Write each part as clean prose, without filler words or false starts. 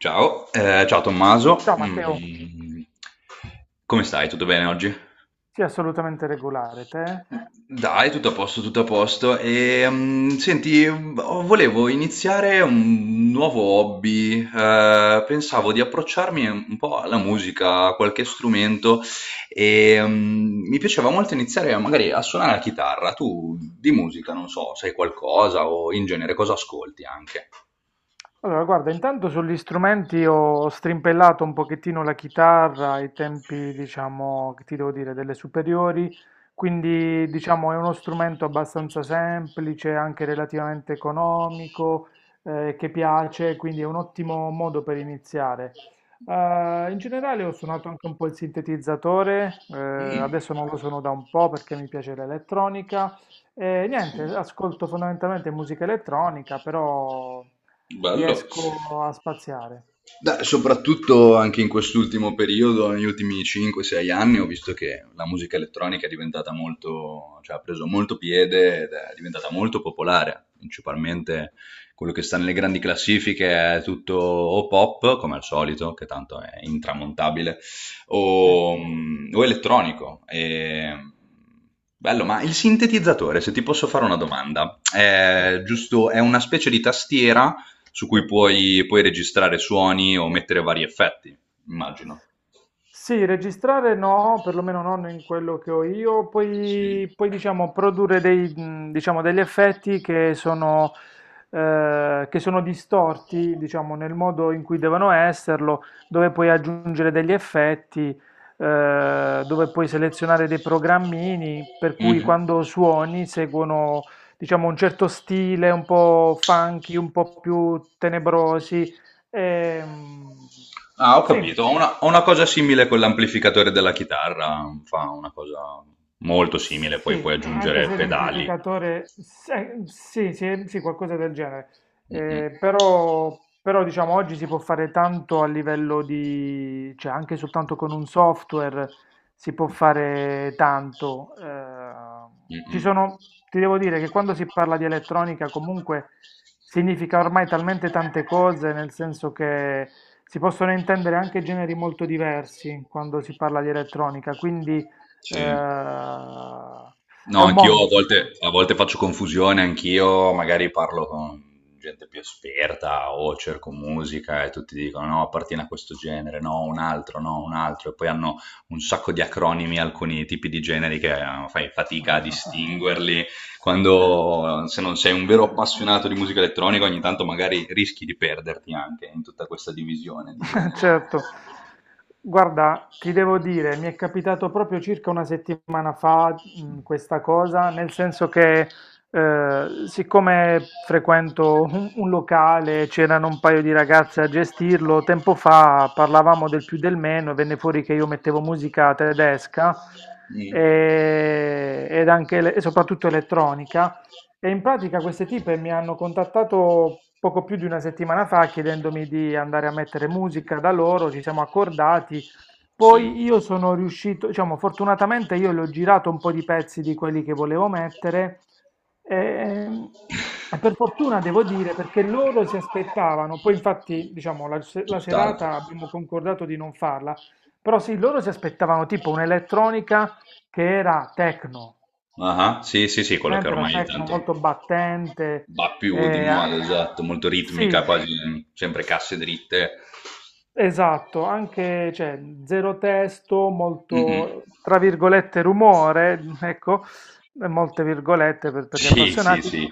Ciao, ciao Tommaso. Ciao Matteo. Come stai? Tutto bene oggi? Sì, assolutamente regolare, te? Dai, tutto a posto, tutto a posto. E, senti, oh, volevo iniziare un nuovo hobby. Pensavo di approcciarmi un po' alla musica, a qualche strumento e mi piaceva molto iniziare magari a suonare la chitarra. Tu di musica, non so, sai qualcosa o in genere cosa ascolti anche? Allora, guarda, intanto sugli strumenti ho strimpellato un pochettino la chitarra ai tempi, diciamo, che ti devo dire, delle superiori, quindi diciamo è uno strumento abbastanza semplice, anche relativamente economico, che piace, quindi è un ottimo modo per iniziare. In generale ho suonato anche un po' il sintetizzatore, Mm. adesso non lo suono da un po' perché mi piace l'elettronica. E niente, ascolto fondamentalmente musica elettronica, però Bello. riesco a spaziare. Beh, soprattutto anche in quest'ultimo periodo, negli ultimi 5-6 anni, ho visto che la musica elettronica è diventata molto, cioè ha preso molto piede ed è diventata molto popolare. Principalmente quello che sta nelle grandi classifiche è tutto o pop, come al solito, che tanto è intramontabile, Sì, o elettronico. E. Bello, ma il sintetizzatore, se ti posso fare una domanda, sì, è giusto? È una specie di tastiera su sì. cui puoi registrare suoni o mettere vari effetti, immagino. Sì, registrare no, perlomeno non in quello che ho io, Sì. poi, diciamo, produrre dei, diciamo, degli effetti che sono distorti, diciamo, nel modo in cui devono esserlo, dove puoi aggiungere degli effetti, dove puoi selezionare dei programmini, per cui Mhm. quando suoni seguono, diciamo, un certo stile, un po' funky, un po' più tenebrosi. Ehm, Ah, ho sì. capito. Ho una cosa simile con l'amplificatore della chitarra. Fa una cosa molto simile, poi puoi Sì, anche aggiungere se pedali. l'amplificatore, sì, sì, sì, qualcosa del genere. Mhm, Però, diciamo, oggi si può fare tanto a livello di, cioè anche soltanto con un software si può fare tanto. Ci mhm. sono, Ti devo dire che quando si parla di elettronica comunque significa ormai talmente tante cose, nel senso che si possono intendere anche generi molto diversi quando si parla di elettronica, quindi. Sì. Ehm, No, è un anch'io mondo a volte, ormai. a volte faccio confusione, anch'io magari parlo con gente più esperta o cerco musica e tutti dicono no, appartiene a questo genere, no, un altro, no, un altro, e poi hanno un sacco di acronimi, alcuni tipi di generi che fai fatica a distinguerli. Sì. Quando, se non sei un vero appassionato di musica elettronica, ogni tanto magari rischi di perderti anche in tutta questa divisione di generi. Certo. Guarda, ti devo dire, mi è capitato proprio circa una settimana fa, questa cosa, nel senso che siccome frequento un locale, c'erano un paio di ragazze a gestirlo, tempo fa parlavamo del più del meno e venne fuori che io mettevo musica tedesca Mm, ed anche e soprattutto elettronica. E in pratica queste tipe mi hanno contattato poco più di una settimana fa chiedendomi di andare a mettere musica da loro, ci siamo accordati. Poi sì, io sono riuscito, diciamo, fortunatamente, io le ho girato un po' di pezzi di quelli che volevo mettere. ehm, E, per fortuna devo dire perché loro si aspettavano, poi infatti, diciamo, la se- la tutt'altro. serata abbiamo concordato di non farla, però sì, loro si aspettavano tipo un'elettronica che era techno. Ah, sì, sì, sì, quello che Presente la ormai techno tanto. molto battente, Va più di eh, a- moda, esatto, molto ritmica, sì. quasi sempre casse dritte. Esatto, anche cioè, zero testo, Mm-mm. molto, tra virgolette, rumore, ecco, molte virgolette per, gli Sì, sì, appassionati. sì,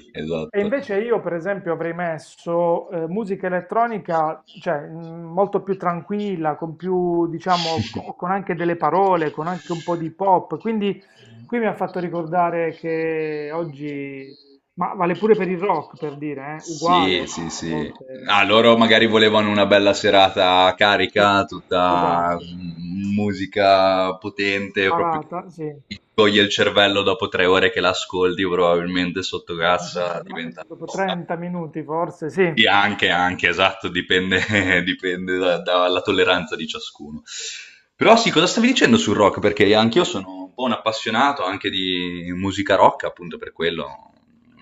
E esatto. invece io, per esempio, avrei messo musica elettronica, cioè, molto più tranquilla, con più, diciamo, con anche delle parole, con anche un po' di pop. Quindi qui mi ha fatto ricordare che oggi, ma vale pure per il rock, per dire, Sì, uguale, sì, a sì. volte. Ah, loro magari volevano una bella serata Sì, carica, tutta esatto. Musica potente, proprio che Parata, sì, è ti toglie il vero. cervello dopo 3 ore che l'ascolti, probabilmente sotto cassa Ma diventa... dopo 30 minuti forse, sì. Sì, anche, esatto, dipende, dipende dalla tolleranza di ciascuno. Però sì, cosa stavi dicendo sul rock? Perché anch'io sono un po' un appassionato anche di musica rock, appunto per quello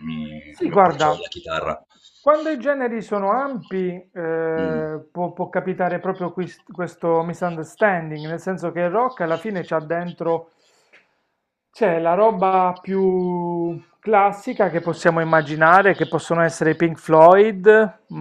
mi, Sì, mi approcciavo alla guarda, chitarra. quando i generi sono ampi, Mm. Può capitare proprio questo misunderstanding, nel senso che il rock alla fine c'ha dentro, c'è la roba più classica che possiamo immaginare, che possono essere i Pink Floyd,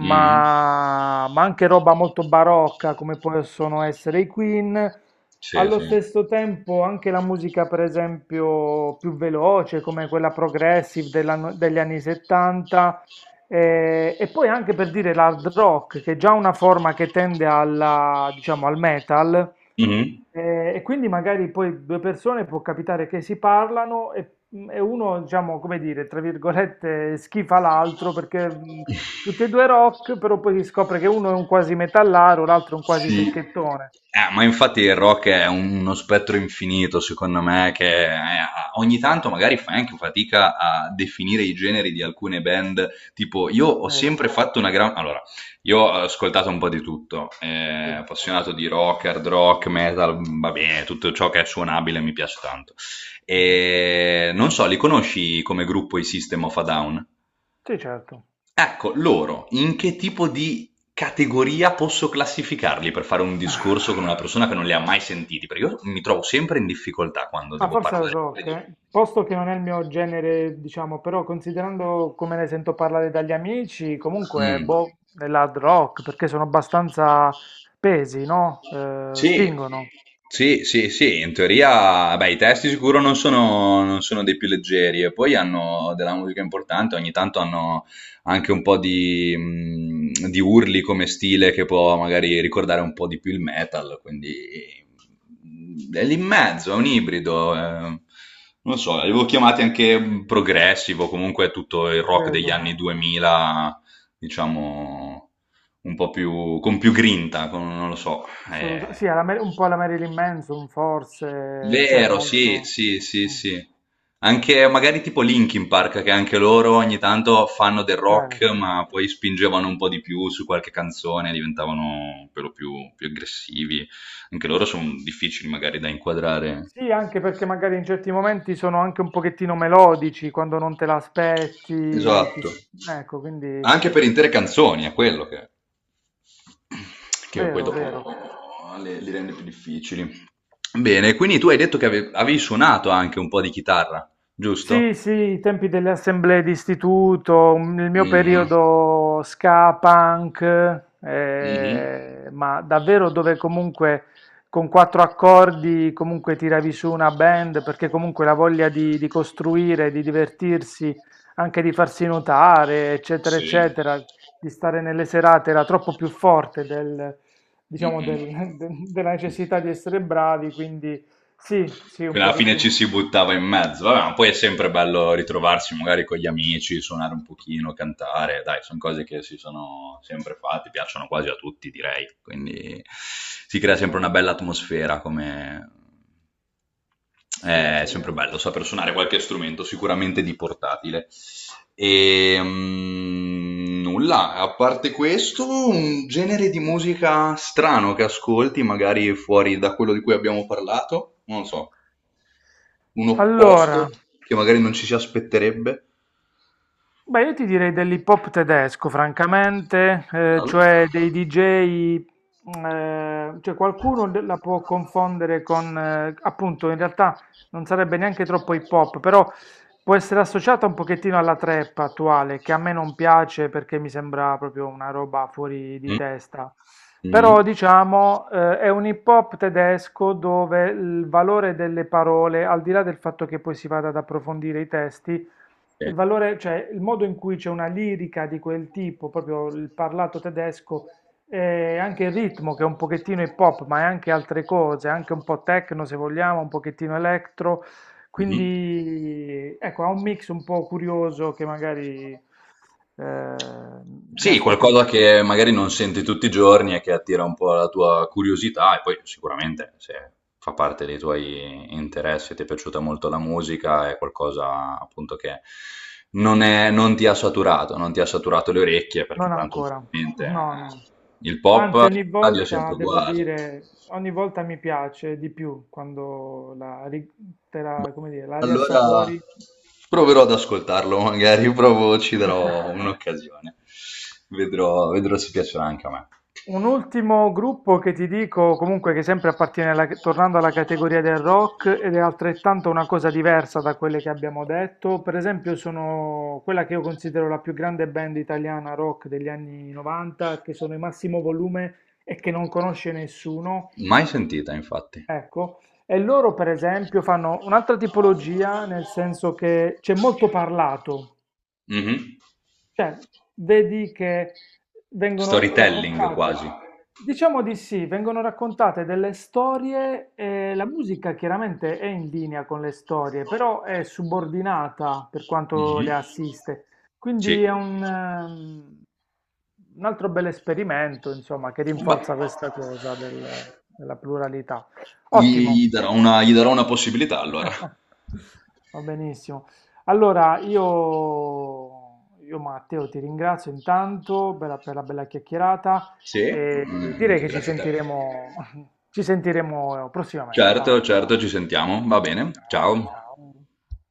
Mm. Anche roba molto barocca, come possono essere i Queen. Sì, Allo sì. stesso tempo anche la musica, per esempio, più veloce, come quella progressive degli anni 70, e poi anche per dire l'hard rock, che è già una forma che tende alla, diciamo, al metal, Mm-hmm. E quindi magari poi due persone può capitare che si parlano e, uno, diciamo, come dire, tra virgolette, schifa l'altro perché, tutti e due rock, però poi si scopre che uno è un quasi metallaro, l'altro è un quasi Sì. fricchettone. Ma infatti il rock è uno spettro infinito, secondo Eh, me, che ogni tanto magari fai anche fatica a definire i generi di alcune band. Tipo, io ho Vero. sempre fatto una gran. Allora, io ho ascoltato un po' di tutto, Sì, appassionato di rock, hard rock, metal, va bene, tutto ciò che è suonabile mi piace tanto. mh-mh. E non so, li conosci come gruppo i System of a Down? Sì, certo. Ecco, loro, in che tipo di categoria posso classificarli per fare un discorso con una persona che non li ha mai sentiti? Perché io mi trovo sempre in difficoltà quando Ma devo forse al parlare rock, di... eh. Posto che non è il mio genere, diciamo, però considerando come ne sento parlare dagli amici, comunque, Mm. boh, dell'hard rock, perché sono abbastanza pesi, no? Sì, Spingono, sì, sì, sì, in teoria, beh, i testi sicuro non sono dei più leggeri e poi hanno della musica importante, ogni tanto hanno anche un po' di urli come stile che può magari ricordare un po' di più il metal, quindi è lì in mezzo, è un ibrido, eh. Non lo so, li avevo chiamati anche progressivo, comunque tutto il rock degli vedo. anni 2000, diciamo, un po' più, con più grinta, non lo so. Assolutamente. Sì, Eh, alla un po' alla Marilyn Manson, forse, cioè, vero, sì, molto. sì, sì, mm, sì. Anche magari tipo Linkin Park, che anche loro ogni tanto fanno del rock, Certo. ma poi spingevano un po' di più su qualche canzone, diventavano per lo più, più aggressivi. Anche loro sono difficili magari da inquadrare. Sì, anche perché magari in certi momenti sono anche un pochettino melodici, quando non te l'aspetti, ti, Esatto. Ecco, quindi. Anche per intere canzoni, è quello che poi Vero, dopo vero. Li rende più difficili. Bene, quindi tu hai detto che avevi suonato anche un po' di chitarra, giusto? Sì, sì, i tempi delle assemblee di istituto, il mio Mm. periodo ska punk, Mhm. Ma davvero dove comunque con quattro accordi comunque tiravi su una band, perché comunque la voglia di, costruire, di divertirsi, anche di farsi notare, eccetera, Sì. eccetera, di stare nelle serate era troppo più forte del, diciamo, Mh-mh. Della necessità di essere bravi, quindi sì, sì, un Quindi alla fine pochettino. ci si buttava in mezzo. Vabbè, ma poi è sempre bello ritrovarsi magari con gli amici, suonare un pochino, cantare. Dai, sono cose che si sono sempre fatte, piacciono quasi a tutti, direi. Quindi si crea sempre una Concordo, bella atmosfera come. sì, è È sempre vero. bello saper suonare qualche strumento, sicuramente di portatile. E nulla, a parte questo, un genere di musica strano che ascolti, magari fuori da quello di cui abbiamo parlato, non lo so, un opposto Allora. che magari non ci si aspetterebbe Beh, io ti direi dell'hip hop tedesco, francamente, dal... cioè dei DJ, cioè qualcuno la può confondere con, appunto, in realtà non sarebbe neanche troppo hip hop, però può essere associata un pochettino alla trap attuale, che a me non piace perché mi sembra proprio una roba fuori di testa. Però Mm, diciamo, è un hip hop tedesco dove il valore delle parole, al di là del fatto che poi si vada ad approfondire i testi, sì. il valore, cioè il modo in cui c'è una lirica di quel tipo, proprio il parlato tedesco, e anche il ritmo che è un pochettino hip hop, ma è anche altre cose, anche un po' techno se vogliamo, un pochettino electro, Mhm. quindi ecco, ha un mix un po' curioso che magari mi ha Sì, stupito. qualcosa che magari non senti tutti i giorni e che attira un po' la tua curiosità e poi sicuramente se fa parte dei tuoi interessi, ti è piaciuta molto la musica, è qualcosa appunto che non ti ha saturato le orecchie perché Non tanto ancora, ovviamente no, no. Il pop Anzi, in ogni radio è volta sempre devo uguale. dire, ogni volta mi piace di più quando te la, come dire, la Allora riassapori. proverò ad ascoltarlo, magari provo, ci darò un'occasione. Vedrò, vedrò se piacerà anche a me. Un ultimo gruppo che ti dico, comunque che sempre appartiene alla, tornando alla categoria del rock ed è altrettanto una cosa diversa da quelle che abbiamo detto, per esempio sono quella che io considero la più grande band italiana rock degli anni 90, che sono i Massimo Volume e che non conosce nessuno, Mai sentita, infatti. ecco, e loro per esempio fanno un'altra tipologia, nel senso che c'è molto parlato. Mhm. Cioè, vedi che vengono Storytelling raccontate, quasi. diciamo di sì, vengono raccontate delle storie e la musica chiaramente è in linea con le storie, però è subordinata per quanto Mhm. le assiste. Sì. Quindi è un altro bel esperimento, insomma, che Beh, rinforza questa cosa della pluralità. gli, Ottimo. gli darò una possibilità allora. Va benissimo. Allora, io Matteo ti ringrazio intanto per per la bella chiacchierata Sì, e direi anche che ci grazie a te. sentiremo, ci sentiremo prossimamente, va. Certo, certo, ci sentiamo. Va bene. Ciao, Ciao. ciao.